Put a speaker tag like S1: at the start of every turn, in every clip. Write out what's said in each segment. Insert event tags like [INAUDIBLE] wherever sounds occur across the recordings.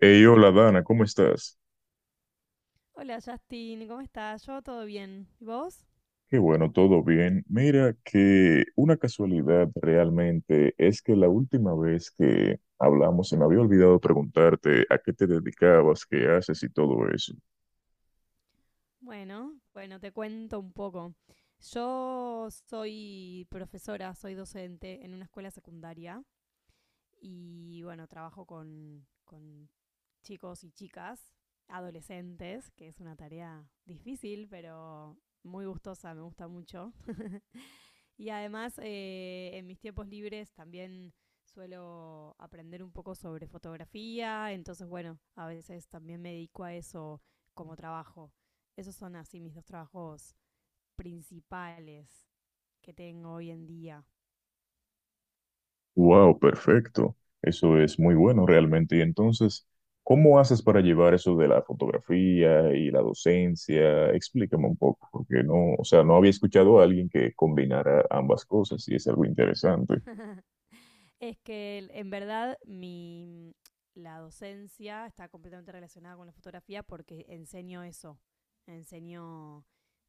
S1: Hey, hola Dana, ¿cómo estás?
S2: Hola Justin, ¿cómo estás? Yo todo bien. ¿Y vos?
S1: Qué bueno, todo bien. Mira que una casualidad realmente es que la última vez que hablamos se me había olvidado preguntarte a qué te dedicabas, qué haces y todo eso.
S2: Bueno, te cuento un poco. Yo soy profesora, soy docente en una escuela secundaria y bueno, trabajo con chicos y chicas, adolescentes, que es una tarea difícil, pero muy gustosa, me gusta mucho. [LAUGHS] Y además, en mis tiempos libres también suelo aprender un poco sobre fotografía, entonces bueno, a veces también me dedico a eso como trabajo. Esos son así mis dos trabajos principales que tengo hoy en día.
S1: Wow, perfecto. Eso es muy bueno realmente. Y entonces, ¿cómo haces para llevar eso de la fotografía y la docencia? Explícame un poco, porque no, o sea, no había escuchado a alguien que combinara ambas cosas y es algo interesante.
S2: Es que en verdad mi, la docencia está completamente relacionada con la fotografía porque enseño eso, enseño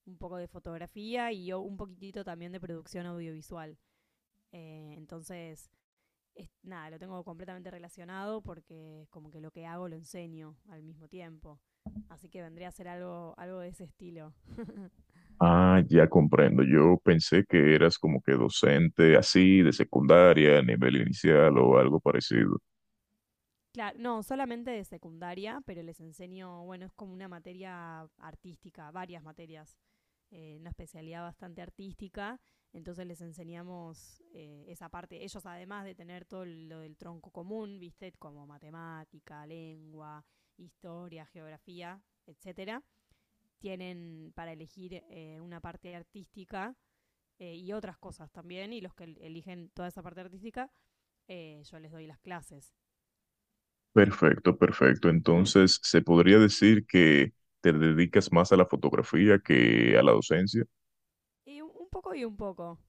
S2: un poco de fotografía y yo un poquitito también de producción audiovisual. Entonces, nada, lo tengo completamente relacionado porque es como que lo que hago lo enseño al mismo tiempo. Así que vendría a ser algo de ese estilo.
S1: Ah, ya comprendo. Yo pensé que eras como que docente así de secundaria, nivel inicial o algo parecido.
S2: Claro, no, solamente de secundaria, pero les enseño, bueno, es como una materia artística, varias materias, una especialidad bastante artística. Entonces les enseñamos esa parte. Ellos, además de tener todo lo del tronco común, ¿viste? Como matemática, lengua, historia, geografía, etcétera tienen para elegir una parte artística y otras cosas también, y los que eligen toda esa parte artística, yo les doy las clases.
S1: Perfecto, perfecto. Entonces, ¿se podría decir que te dedicas más a la fotografía que a la docencia?
S2: Y un poco y un poco,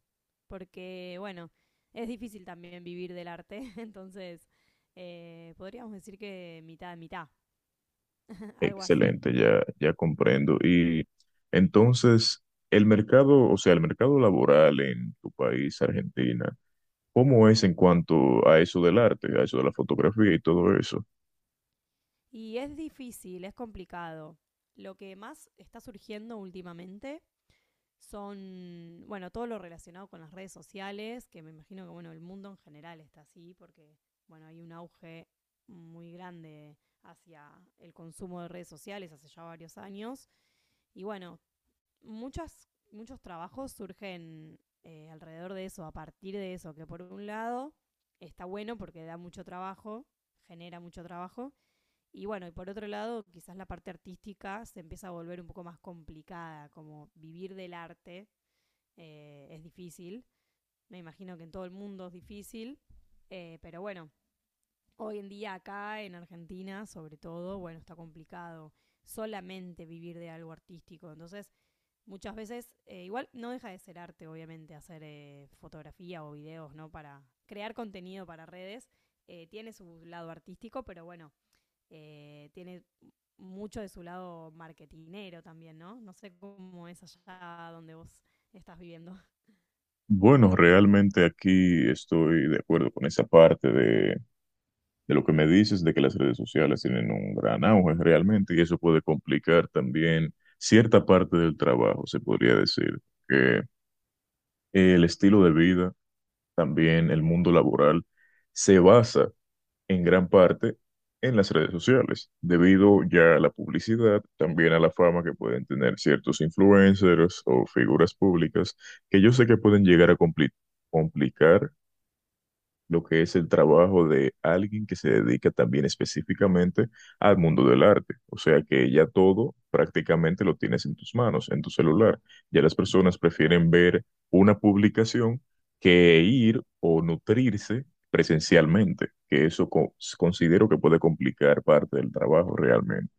S2: porque bueno, es difícil también vivir del arte, [LAUGHS] entonces podríamos decir que mitad, de mitad, [LAUGHS] algo así.
S1: Excelente, ya, ya comprendo. Y entonces, el mercado, o sea, el mercado laboral en tu país, Argentina, ¿cómo es en cuanto a eso del arte, a eso de la fotografía y todo eso?
S2: Y es difícil, es complicado. Lo que más está surgiendo últimamente son, bueno, todo lo relacionado con las redes sociales, que me imagino que, bueno, el mundo en general está así, porque, bueno, hay un auge muy grande hacia el consumo de redes sociales hace ya varios años. Y bueno, muchos trabajos surgen alrededor de eso, a partir de eso, que por un lado está bueno porque da mucho trabajo, genera mucho trabajo, y bueno, y por otro lado, quizás la parte artística se empieza a volver un poco más complicada, como vivir del arte es difícil. Me imagino que en todo el mundo es difícil. Pero bueno, hoy en día acá en Argentina, sobre todo, bueno, está complicado solamente vivir de algo artístico. Entonces, muchas veces, igual no deja de ser arte, obviamente, hacer fotografía o videos, ¿no? Para crear contenido para redes. Tiene su lado artístico, pero bueno, tiene mucho de su lado marketinero también, ¿no? No sé cómo es allá donde vos estás viviendo.
S1: Bueno, realmente aquí estoy de acuerdo con esa parte de lo que me dices, de que las redes sociales tienen un gran auge realmente y eso puede complicar también cierta parte del trabajo, se podría decir, que el estilo de vida, también el mundo laboral, se basa en gran parte en las redes sociales, debido ya a la publicidad, también a la fama que pueden tener ciertos influencers o figuras públicas, que yo sé que pueden llegar a complicar lo que es el trabajo de alguien que se dedica también específicamente al mundo del arte. O sea que ya todo prácticamente lo tienes en tus manos, en tu celular. Ya las personas
S2: Claro.
S1: prefieren ver una publicación que ir o nutrirse presencialmente, que eso considero que puede complicar parte del trabajo realmente.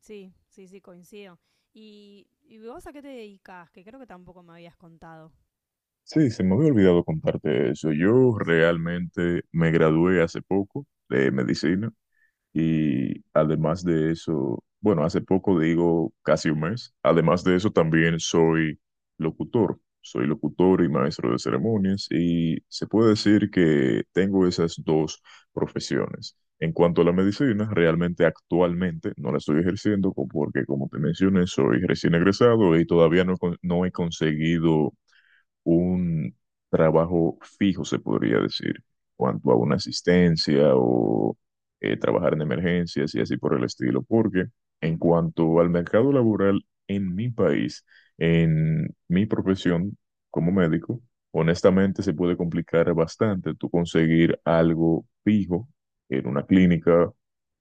S2: Sí, sí, sí, coincido. ¿Y vos a qué te dedicas? Que creo que tampoco me habías contado.
S1: Sí, se me había olvidado contarte eso. Yo
S2: Sí.
S1: realmente me gradué hace poco de medicina. Y además de eso, bueno, hace poco digo casi un mes, además de eso también soy locutor y maestro de ceremonias y se puede decir que tengo esas dos profesiones. En cuanto a la medicina, realmente actualmente no la estoy ejerciendo porque como te mencioné, soy recién egresado y todavía no, no he conseguido un trabajo fijo, se podría decir, cuanto a una asistencia o trabajar en emergencias y así por el estilo, porque en cuanto al mercado laboral en mi país, en mi profesión como médico, honestamente se puede complicar bastante tú conseguir algo fijo en una clínica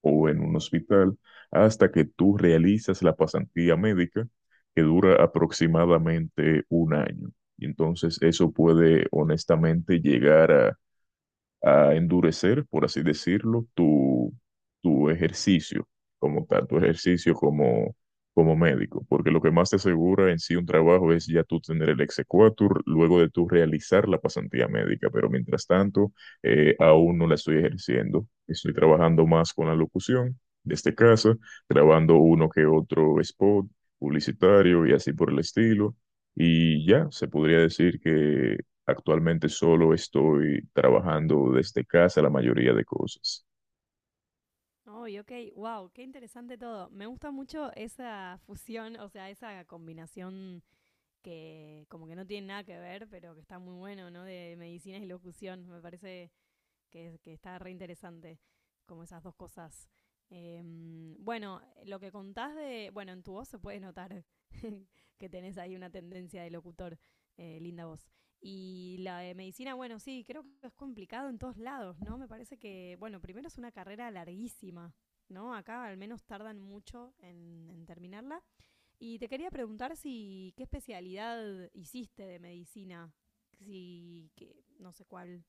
S1: o en un hospital hasta que tú realizas la pasantía médica que dura aproximadamente un año. Y entonces eso puede honestamente llegar a endurecer, por así decirlo, tu ejercicio como tal, tu ejercicio como médico, porque lo que más te asegura en sí un trabajo es ya tú tener el exequatur, luego de tú realizar la pasantía médica, pero mientras tanto, aún no la estoy ejerciendo, estoy trabajando más con la locución, desde casa, grabando uno que otro spot publicitario y así por el estilo. Y ya, se podría decir que actualmente solo estoy trabajando desde casa la mayoría de cosas.
S2: Ay, ok, wow, qué interesante todo. Me gusta mucho esa fusión, o sea, esa combinación que como que no tiene nada que ver, pero que está muy bueno, ¿no? De medicinas y locución. Me parece que está re interesante, como esas dos cosas. Eh, bueno, lo que contás de. Bueno, en tu voz se puede notar [LAUGHS] que tenés ahí una tendencia de locutor, linda voz. Y la de medicina, bueno, sí, creo que es complicado en todos lados, ¿no? Me parece que, bueno, primero es una carrera larguísima, ¿no? Acá al menos tardan mucho en terminarla. Y te quería preguntar si qué especialidad hiciste de medicina, si que no sé cuál.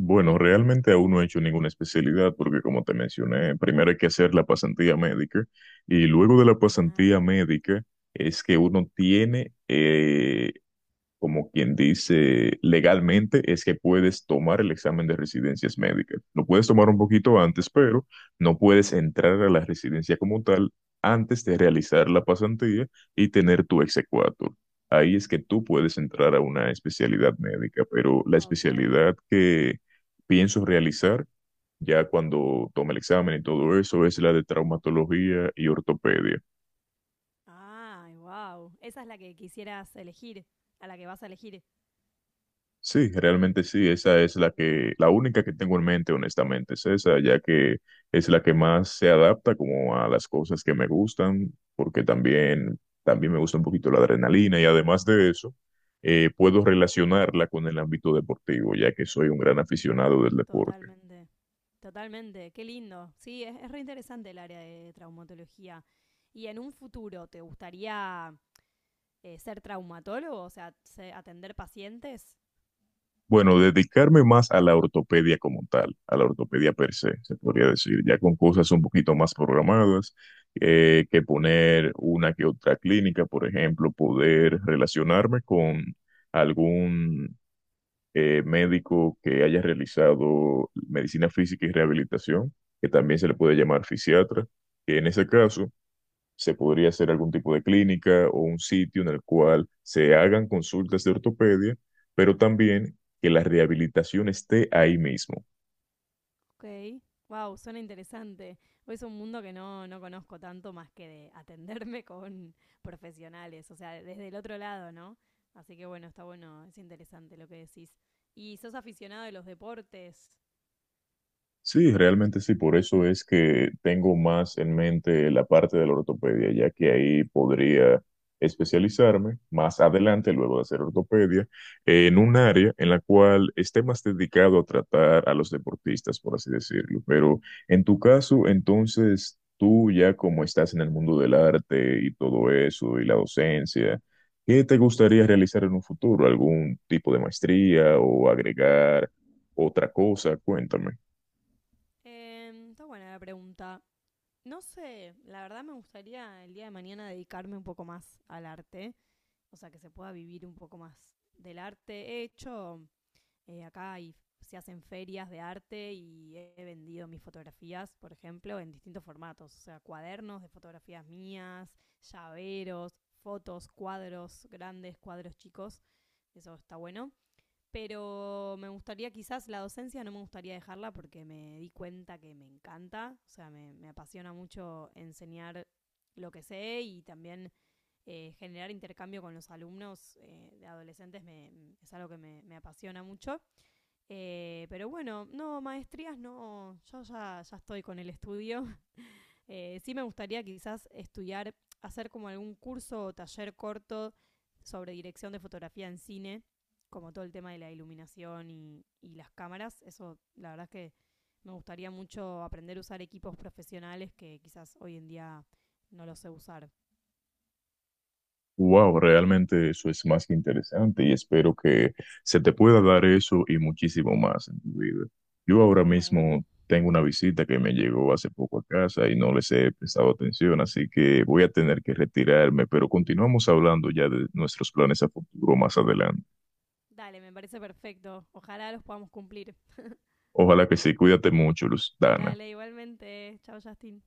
S1: Bueno, realmente aún no he hecho ninguna especialidad porque como te mencioné, primero hay que hacer la pasantía médica y luego de la pasantía
S2: Ah,
S1: médica es que uno tiene como quien dice legalmente, es que puedes tomar el examen de residencias médicas. Lo puedes tomar un poquito antes, pero no puedes entrar a la residencia como tal antes de realizar la pasantía y tener tu exequatur. Ahí es que tú puedes entrar a una especialidad médica, pero la
S2: ok.
S1: especialidad que pienso realizar ya cuando tome el examen y todo eso es la de traumatología y ortopedia.
S2: Ay, wow. Esa es la que quisieras elegir, a la que vas a elegir.
S1: Sí, realmente sí, esa es la
S2: Uy,
S1: que, la única que tengo en mente, honestamente, es esa, ya que es la que más se adapta como a las cosas que me gustan, porque también, también me gusta un poquito la adrenalina y además de eso, puedo relacionarla con el ámbito deportivo, ya que soy un gran aficionado del deporte.
S2: totalmente. Totalmente. Qué lindo. Sí, es re interesante el área de traumatología. ¿Y en un futuro te gustaría ser traumatólogo? O sea, atender pacientes.
S1: Bueno, dedicarme más a la ortopedia como tal, a la ortopedia per se, se podría decir, ya con cosas un poquito más programadas, que poner una que otra clínica, por ejemplo, poder relacionarme con algún médico que haya realizado medicina física y rehabilitación, que también se le puede llamar fisiatra, que en ese caso se podría hacer algún tipo de clínica o un sitio en el cual se hagan consultas de ortopedia, pero también que la rehabilitación esté ahí mismo.
S2: Ok. Wow, suena interesante. Es un mundo que no conozco tanto más que de atenderme [LAUGHS] con profesionales, o sea, desde el otro lado, ¿no? Así que bueno, está bueno, es interesante lo que decís. ¿Y sos aficionado de los deportes?
S1: Sí, realmente sí, por eso es que tengo más en mente la parte de la ortopedia, ya que ahí podría especializarme más adelante, luego de hacer ortopedia, en un área en la cual esté más dedicado a tratar a los deportistas, por así decirlo. Pero en tu caso, entonces, tú ya como estás en el mundo del arte y todo eso, y la docencia, ¿qué te gustaría realizar en un futuro? ¿Algún tipo de maestría o agregar otra cosa? Cuéntame.
S2: Está buena la pregunta. No sé, la verdad me gustaría el día de mañana dedicarme un poco más al arte, o sea, que se pueda vivir un poco más del arte. He hecho acá y se hacen ferias de arte y he vendido mis fotografías, por ejemplo, en distintos formatos, o sea, cuadernos de fotografías mías, llaveros, fotos, cuadros grandes, cuadros chicos, eso está bueno. Pero me gustaría quizás la docencia, no me gustaría dejarla porque me di cuenta que me encanta, o sea, me apasiona mucho enseñar lo que sé y también generar intercambio con los alumnos de adolescentes me, es algo que me apasiona mucho. Pero bueno, no, maestrías no, yo ya estoy con el estudio. [LAUGHS] Sí me gustaría quizás estudiar, hacer como algún curso o taller corto sobre dirección de fotografía en cine, como todo el tema de la iluminación y las cámaras. Eso, la verdad es que me gustaría mucho aprender a usar equipos profesionales que quizás hoy en día no los sé usar.
S1: Wow, realmente eso es más que interesante y espero que se te pueda dar eso y muchísimo más en tu vida. Yo ahora
S2: Bueno,
S1: mismo tengo una visita que me llegó hace poco a casa y no les he prestado atención, así que voy a tener que retirarme, pero continuamos hablando ya de nuestros planes a futuro más adelante.
S2: dale, me parece perfecto. Ojalá los podamos cumplir.
S1: Ojalá que sí, cuídate mucho, Luz Dana.
S2: Dale, igualmente. Chao, Justin.